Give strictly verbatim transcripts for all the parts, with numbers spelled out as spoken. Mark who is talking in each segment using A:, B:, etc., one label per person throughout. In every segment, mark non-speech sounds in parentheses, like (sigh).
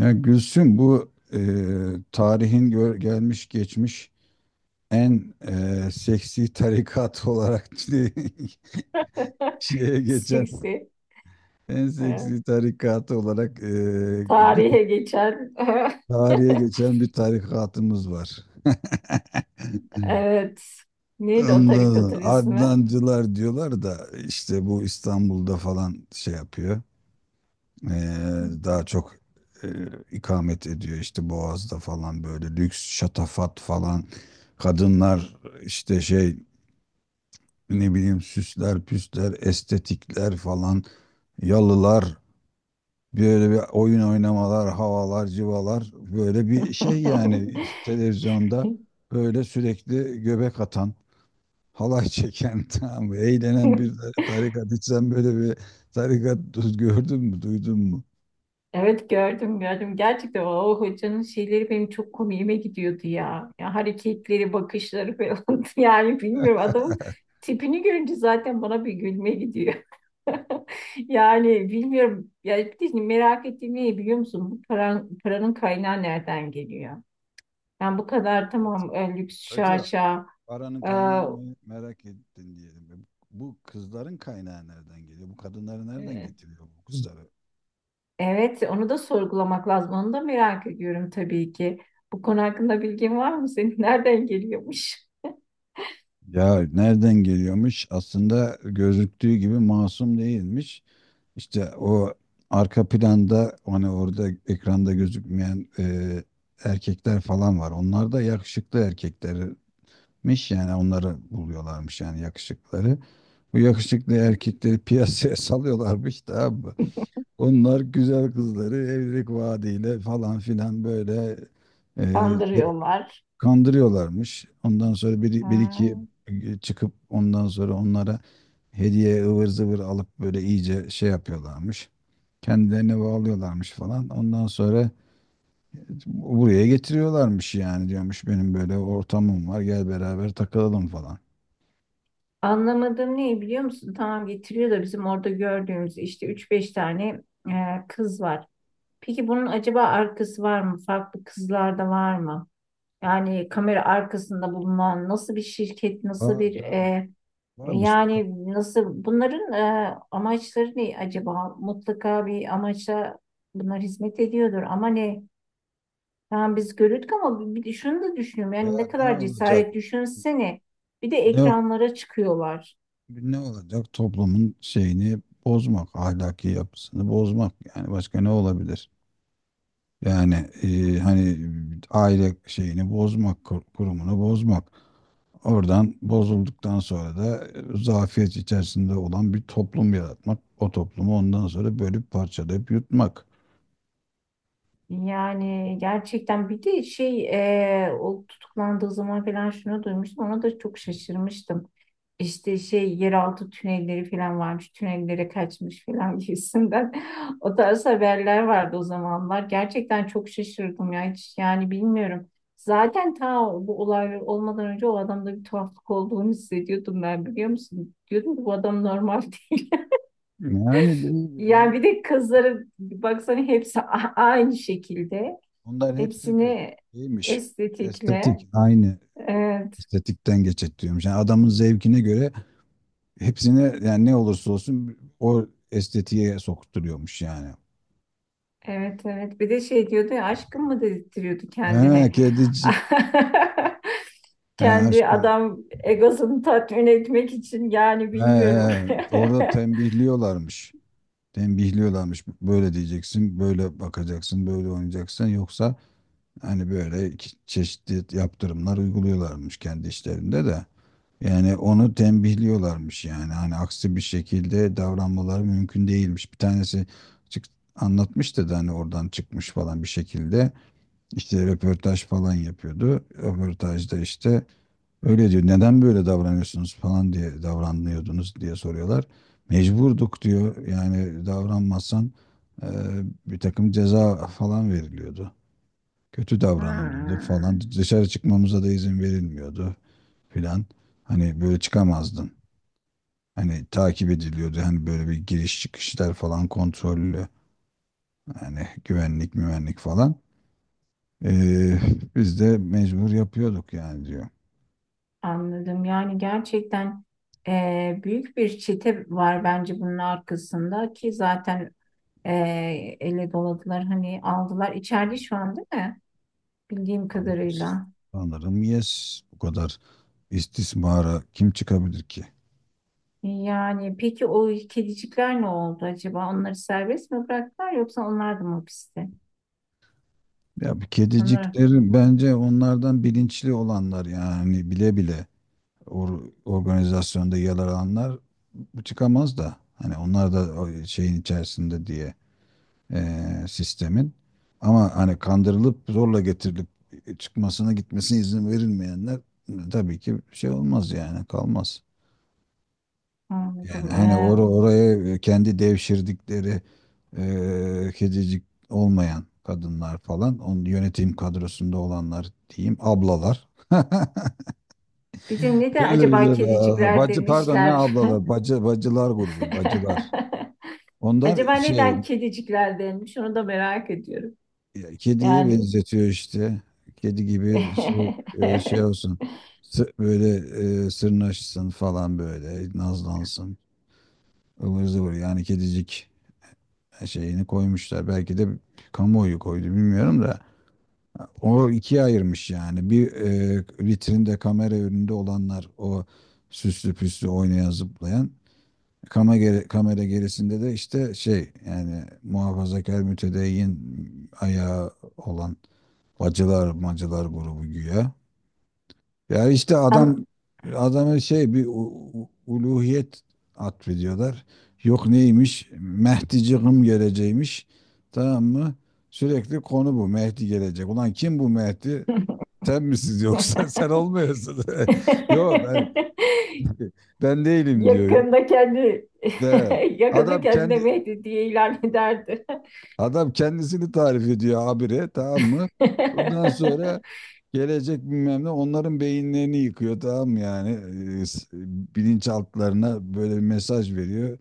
A: Ya Gülsüm bu e, tarihin gö- gelmiş geçmiş en e, seksi tarikat olarak (laughs) şeye
B: (laughs)
A: geçen
B: Siksi.
A: en seksi
B: Ee,
A: tarikatı olarak e,
B: Tarihe geçer. (laughs)
A: tarihe geçen bir tarikatımız var. (laughs)
B: Evet. Neydi o
A: Ondan sonra
B: tarikatın ismi?
A: Adnancılar diyorlar da işte bu İstanbul'da falan şey yapıyor. Ee, Daha çok e, ikamet ediyor işte Boğaz'da falan böyle lüks şatafat falan kadınlar işte şey, ne bileyim, süsler püsler estetikler falan, yalılar, böyle bir oyun oynamalar, havalar civalar, böyle bir şey yani. İşte
B: (laughs)
A: televizyonda böyle sürekli göbek atan, halay çeken (laughs) tamam mı? Eğlenen bir tarikat. Hiç sen böyle bir tarikat (laughs) du- gördün mü, duydun mu?
B: Evet, gördüm gördüm. Gerçekten o hocanın şeyleri benim çok komiğime gidiyordu ya. Ya hareketleri, bakışları falan. (laughs) Yani bilmiyorum, adamın tipini görünce zaten bana bir gülme gidiyor. (laughs) Yani bilmiyorum. Ya bir de şimdi merak ettiğim ne biliyor musun? Bu paran, paranın kaynağı nereden geliyor? Yani bu kadar tamam
A: (laughs)
B: e, lüks
A: Hacı,
B: şaşa.
A: paranın
B: e,
A: kaynağını me- merak ettin diyelim. Bu bu kızların kaynağı nereden geliyor? Bu kadınları nereden
B: e,
A: getiriyor, bu kızları?
B: evet, onu da sorgulamak lazım. Onu da merak ediyorum tabii ki. Bu konu hakkında bilgin var mı senin? (laughs) Nereden geliyormuş?
A: Ya nereden geliyormuş? Aslında gözüktüğü gibi masum değilmiş. İşte o arka planda hani orada ekranda gözükmeyen e, erkekler falan var. Onlar da yakışıklı erkeklermiş, yani onları buluyorlarmış, yani yakışıkları. Bu yakışıklı erkekleri piyasaya (laughs) salıyorlarmış da abi. Onlar güzel kızları evlilik vaadiyle falan filan böyle e,
B: Kandırıyorlar.
A: kandırıyorlarmış. Ondan sonra bir, bir
B: Ha.
A: iki çıkıp ondan sonra onlara hediye ıvır zıvır alıp böyle iyice şey yapıyorlarmış. Kendilerine bağlıyorlarmış falan. Ondan sonra buraya getiriyorlarmış, yani diyormuş benim böyle ortamım var, gel beraber takılalım falan.
B: Anlamadığım ne biliyor musun? Tamam, getiriyor da bizim orada gördüğümüz işte üç beş tane e, kız var. Peki bunun acaba arkası var mı? Farklı kızlar da var mı? Yani kamera arkasında bulunan nasıl bir şirket, nasıl
A: Var
B: bir
A: canım,
B: e,
A: varmış. bu ka-
B: yani nasıl bunların e, amaçları ne acaba? Mutlaka bir amaçla bunlar hizmet ediyordur ama ne? Tamam, biz görürdük, ama bir de şunu da düşünüyorum. Yani
A: Ya
B: ne
A: ne
B: kadar
A: olacak?
B: cesaret düşünsene. Bir de
A: Ne,
B: ekranlara çıkıyorlar.
A: Ne olacak? Toplumun şeyini bozmak, ahlaki yapısını bozmak. Yani başka ne olabilir? Yani e, hani aile şeyini bozmak, kur- kurumunu bozmak. Oradan bozulduktan sonra da e, zafiyet içerisinde olan bir toplum yaratmak. O toplumu ondan sonra bölüp parçalayıp yutmak.
B: Yani gerçekten bir de şey e, o tutuklandığı zaman falan şunu duymuştum. Ona da çok şaşırmıştım. İşte şey, yeraltı tünelleri falan varmış, tünellere kaçmış falan gibisinden. (laughs) O tarz haberler vardı o zamanlar. Gerçekten çok şaşırdım ya, hiç yani bilmiyorum. Zaten ta bu olaylar olmadan önce o adamda bir tuhaflık olduğunu hissediyordum ben, biliyor musun? Diyordum ki bu adam normal (laughs) değil.
A: Yani değil,
B: Yani
A: ben
B: bir de kızları baksana, hepsi a- aynı şekilde.
A: bunların hepsi de
B: Hepsini
A: şeymiş.
B: estetikle
A: Estetik, aynı
B: e,
A: estetikten geçit diyormuş. Yani adamın zevkine göre hepsine, yani ne olursa olsun o estetiğe sokturuyormuş yani.
B: evet evet, bir de şey diyordu ya, aşkım mı dedirtiyordu
A: He,
B: kendine.
A: kedicik.
B: (laughs)
A: He,
B: Kendi
A: aşkım.
B: adam egosunu tatmin etmek için, yani
A: He,
B: bilmiyorum.
A: he. Orada
B: (laughs)
A: tembihliyorlarmış. Tembihliyorlarmış. Böyle diyeceksin, böyle bakacaksın, böyle oynayacaksın. Yoksa hani böyle iki çeşitli yaptırımlar uyguluyorlarmış kendi işlerinde de. Yani onu tembihliyorlarmış yani. Hani aksi bir şekilde davranmaları mümkün değilmiş. Bir tanesi çık anlatmıştı da hani oradan çıkmış falan bir şekilde. İşte röportaj falan yapıyordu. Röportajda işte öyle diyor. Neden böyle davranıyorsunuz falan diye, davranıyordunuz diye soruyorlar. Mecburduk diyor. Yani davranmazsan e, bir takım ceza falan veriliyordu. Kötü davranılıyordu
B: Hmm,
A: falan. Dışarı çıkmamıza da izin verilmiyordu filan. Hani böyle çıkamazdın. Hani takip ediliyordu. Hani böyle bir giriş çıkışlar falan kontrollü. Yani güvenlik müvenlik falan. E, Biz de mecbur yapıyorduk yani, diyor.
B: anladım. Yani gerçekten, eee, büyük bir çete var bence bunun arkasında, ki zaten e, ele doladılar, hani aldılar. İçeride şu an değil mi? Bildiğim kadarıyla.
A: Sanırım yes. Bu kadar istismara kim çıkabilir ki?
B: Yani peki o kedicikler ne oldu acaba? Onları serbest mi bıraktılar yoksa onlar da mı hapiste?
A: Ya bir
B: Onları
A: kediciklerin bence onlardan bilinçli olanlar, yani bile bile or- organizasyonda yer alanlar bu çıkamaz da. Hani onlar da o şeyin içerisinde diye eee, sistemin. Ama hani kandırılıp zorla getirilip çıkmasına, gitmesine izin verilmeyenler e, tabii ki şey olmaz yani, kalmaz. Yani
B: anladım.
A: hani
B: E,
A: or oraya e, kendi devşirdikleri eee kedicik olmayan kadınlar falan, onun yönetim kadrosunda olanlar diyeyim, ablalar. (laughs)
B: bir de neden
A: Öyle bir
B: acaba
A: şey var.
B: kedicikler
A: Bacı, pardon ne
B: demişler?
A: ablalar? Bacı, bacılar grubu, bacılar.
B: (laughs)
A: Onlar
B: Acaba
A: şey,
B: neden kedicikler denmiş? Onu da merak ediyorum.
A: e, kediye
B: Yani
A: benzetiyor işte. Kedi gibi şey, e, şey olsun.
B: (laughs)
A: Sı- Böyle e, sırnaşsın falan, böyle nazlansın. Ivır zıvır yani, kedicik. Şeyini koymuşlar. Belki de kamuoyu koydu, bilmiyorum da o ikiye ayırmış yani. Bir, e, vitrinde kamera önünde olanlar, o süslü püslü oynayan zıplayan, kamera, kamera gerisinde de işte şey, yani muhafazakar mütedeyyin ayağı olan bacılar macılar grubu güya. Ya işte adam
B: An-
A: adamı şey, bir u- u- uluhiyet atfediyorlar. Yok neymiş? Mehdicığım geleceğimiş. Tamam mı? Sürekli konu bu. Mehdi gelecek. Ulan kim bu Mehdi? Sen misiniz yoksa? (laughs) Sen
B: (laughs)
A: olmuyorsun. (laughs) Yok ben ben değilim diyor. Yok
B: Yakında kendi
A: de.
B: (laughs) yakında
A: Adam
B: kendine
A: kendi
B: Mehdi diye ilan ederdi. (laughs)
A: Adam kendisini tarif ediyor habire, tamam mı? Ondan sonra
B: (laughs)
A: gelecek bilmem ne, onların beyinlerini yıkıyor tamam mı yani? Ee, s- Bilinçaltlarına böyle bir mesaj veriyor.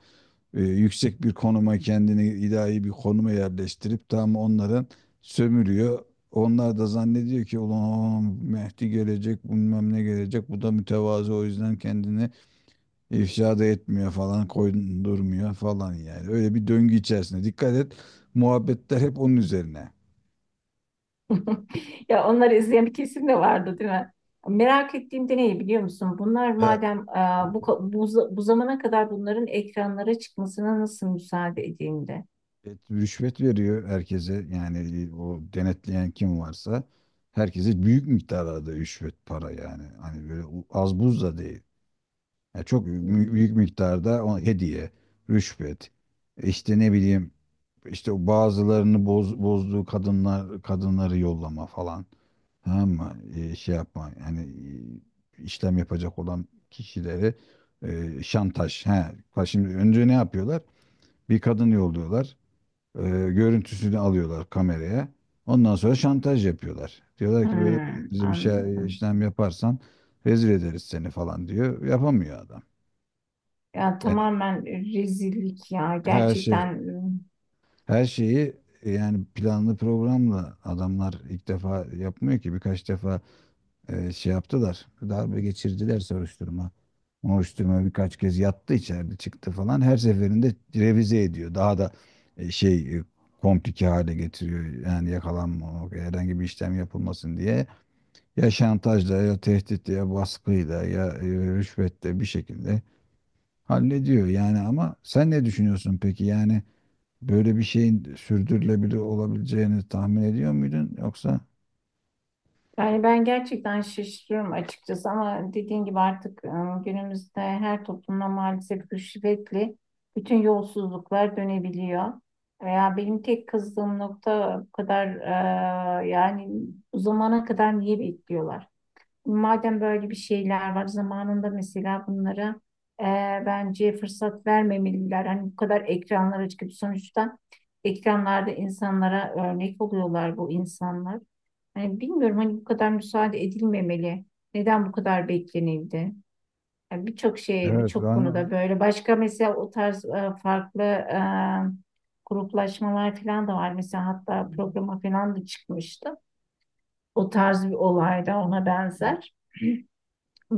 A: Ee, yüksek bir konuma, kendini ilahi bir konuma yerleştirip, tamam mı? Onların sömürüyor. Onlar da zannediyor ki ulan Mehdi gelecek, bilmem ne gelecek, bu da mütevazı, o yüzden kendini İfşa da etmiyor falan, koydurmuyor falan yani. Öyle bir döngü içerisinde. Dikkat et, muhabbetler hep onun üzerine.
B: Ya onları izleyen bir kesim de vardı değil mi? Merak ettiğim de ne biliyor musun? Bunlar
A: Ya,
B: madem e, bu, ka- bu, za- bu zamana kadar bunların ekranlara çıkmasına nasıl müsaade edildi?
A: evet, rüşvet veriyor herkese yani, e, o denetleyen kim varsa herkese büyük miktarda rüşvet para yani. Hani böyle u- az buz da değil. Yani çok mü- büyük miktarda, o hediye, rüşvet. İşte ne bileyim, işte o bazılarını boz, bozduğu kadınlar kadınları yollama falan. Tamam mı? E, şey yapma. Hani e, işlem yapacak olan kişileri e, şantaj. He. Bak, şimdi önce ne yapıyorlar? Bir kadın yolluyorlar. E, görüntüsünü alıyorlar kameraya. Ondan sonra şantaj yapıyorlar. Diyorlar ki böyle böyle,
B: Hmm,
A: bize bir şey
B: anladım.
A: işlem yaparsan rezil ederiz seni falan diyor. Yapamıyor adam.
B: Ya
A: Yani
B: tamamen rezillik ya.
A: her şey
B: Gerçekten, ıı,
A: her şeyi e, yani planlı programla, adamlar ilk defa yapmıyor ki, birkaç defa e, şey yaptılar. Darbe geçirdiler, soruşturma. Soruşturma birkaç kez yattı içeride, çıktı falan. Her seferinde revize ediyor. Daha da e, şey e, komplike hale getiriyor. Yani yakalanmamak, herhangi bir işlem yapılmasın diye. Ya şantajla, ya tehditle, ya baskıyla, ya e, rüşvetle bir şekilde hallediyor. Yani ama sen ne düşünüyorsun peki? Yani böyle bir şeyin sürdürülebilir olabileceğini tahmin ediyor muydun yoksa?
B: yani ben gerçekten şaşırıyorum açıkçası, ama dediğin gibi artık e, günümüzde her toplumda maalesef rüşvetli bütün yolsuzluklar dönebiliyor. Veya benim tek kızdığım nokta, bu kadar e, yani bu zamana kadar niye bekliyorlar? Madem böyle bir şeyler var zamanında, mesela bunlara e, bence fırsat vermemeliler. Hani bu kadar ekranlara çıkıp, sonuçta ekranlarda insanlara örnek oluyorlar bu insanlar. Yani bilmiyorum, hani bu kadar müsaade edilmemeli. Neden bu kadar beklenildi? Yani birçok şey,
A: Evet
B: birçok konuda
A: ben
B: böyle. Başka mesela o tarz e, farklı e, gruplaşmalar falan da var. Mesela hatta programa falan da çıkmıştı. O tarz bir olay da ona benzer.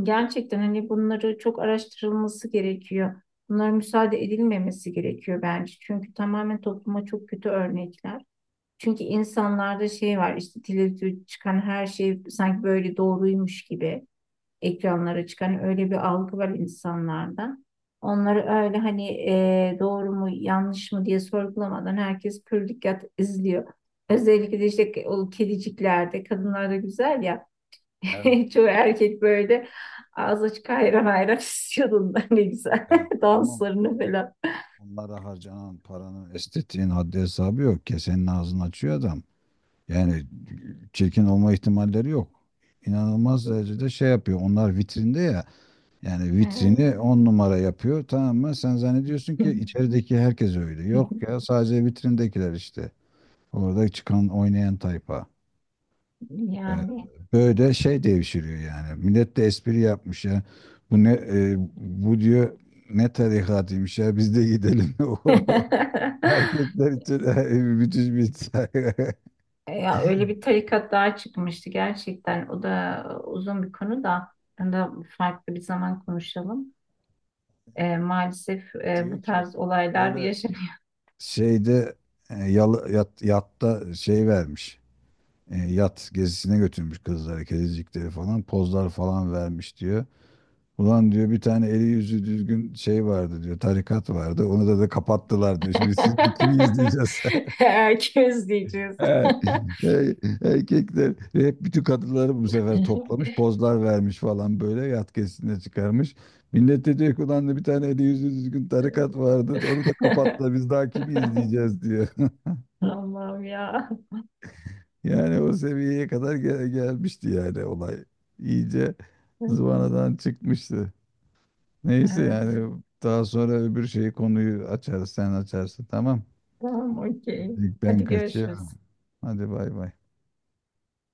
B: Gerçekten hani bunları çok araştırılması gerekiyor. Bunlara müsaade edilmemesi gerekiyor bence. Çünkü tamamen topluma çok kötü örnekler. Çünkü insanlarda şey var, işte televizyonda çıkan her şey sanki böyle doğruymuş gibi, ekranlara çıkan hani, öyle bir algı var insanlarda. Onları öyle hani, e, doğru mu yanlış mı diye sorgulamadan herkes pür dikkat izliyor. Özellikle de işte o kediciklerde kadınlar da güzel ya.
A: evet
B: (laughs) Çoğu erkek böyle ağzı açık hayran hayran istiyordun (laughs) ne güzel
A: yani,
B: (laughs)
A: ama
B: danslarını falan.
A: onlara harcanan paranın, estetiğin haddi hesabı yok ki, senin ağzını açıyor adam. Yani çirkin olma ihtimalleri yok. İnanılmaz derecede şey yapıyor. Onlar vitrinde ya. Yani
B: Evet.
A: vitrini on numara yapıyor, tamam mı? Sen zannediyorsun ki içerideki herkes öyle. Yok ya,
B: (laughs)
A: sadece vitrindekiler işte. Orada çıkan oynayan tayfa. Ee,
B: Yani.
A: Böyle şey devşiriyor yani. Millet de espri yapmış ya. Bu ne e, bu diyor ne tarikatıymış ya, biz de gidelim. (laughs) O
B: (laughs)
A: erkekler için e, müthiş bir tarih.
B: Ya öyle bir tarikat daha çıkmıştı gerçekten. O da uzun bir konu da. Onu da farklı bir zaman konuşalım. Ee, maalesef
A: (laughs)
B: e,
A: Diyor
B: bu
A: ki
B: tarz olaylar
A: böyle
B: yaşanıyor.
A: şeyde e, yalı, yat, yatta şey vermiş. E, yat gezisine götürmüş kızları, kedicikleri falan. Pozlar falan vermiş diyor. Ulan diyor bir tane eli yüzü düzgün şey vardı diyor. Tarikat vardı. Onu da da kapattılar diyor. Şimdi siz de kimi
B: (laughs)
A: izleyeceğiz?
B: Herkes diyeceğiz.
A: (laughs) Ey- Erkekler hep bütün kadınları bu sefer toplamış. Pozlar vermiş falan, böyle yat gezisine çıkarmış. Millet de diyor ki ulan, da bir tane eli yüzü düzgün tarikat vardı. Onu da kapattılar. Biz daha kimi
B: (laughs)
A: izleyeceğiz diyor.
B: Allah'ım ya.
A: Yani o seviyeye kadar gel- gelmişti yani olay. İyice zıvanadan çıkmıştı. Neyse
B: Evet. (laughs)
A: yani, daha sonra öbür şeyi, konuyu açarız, sen açarsın, tamam.
B: Tamam, okey.
A: Ben
B: Hadi görüşürüz.
A: kaçıyorum. Hadi bay bay.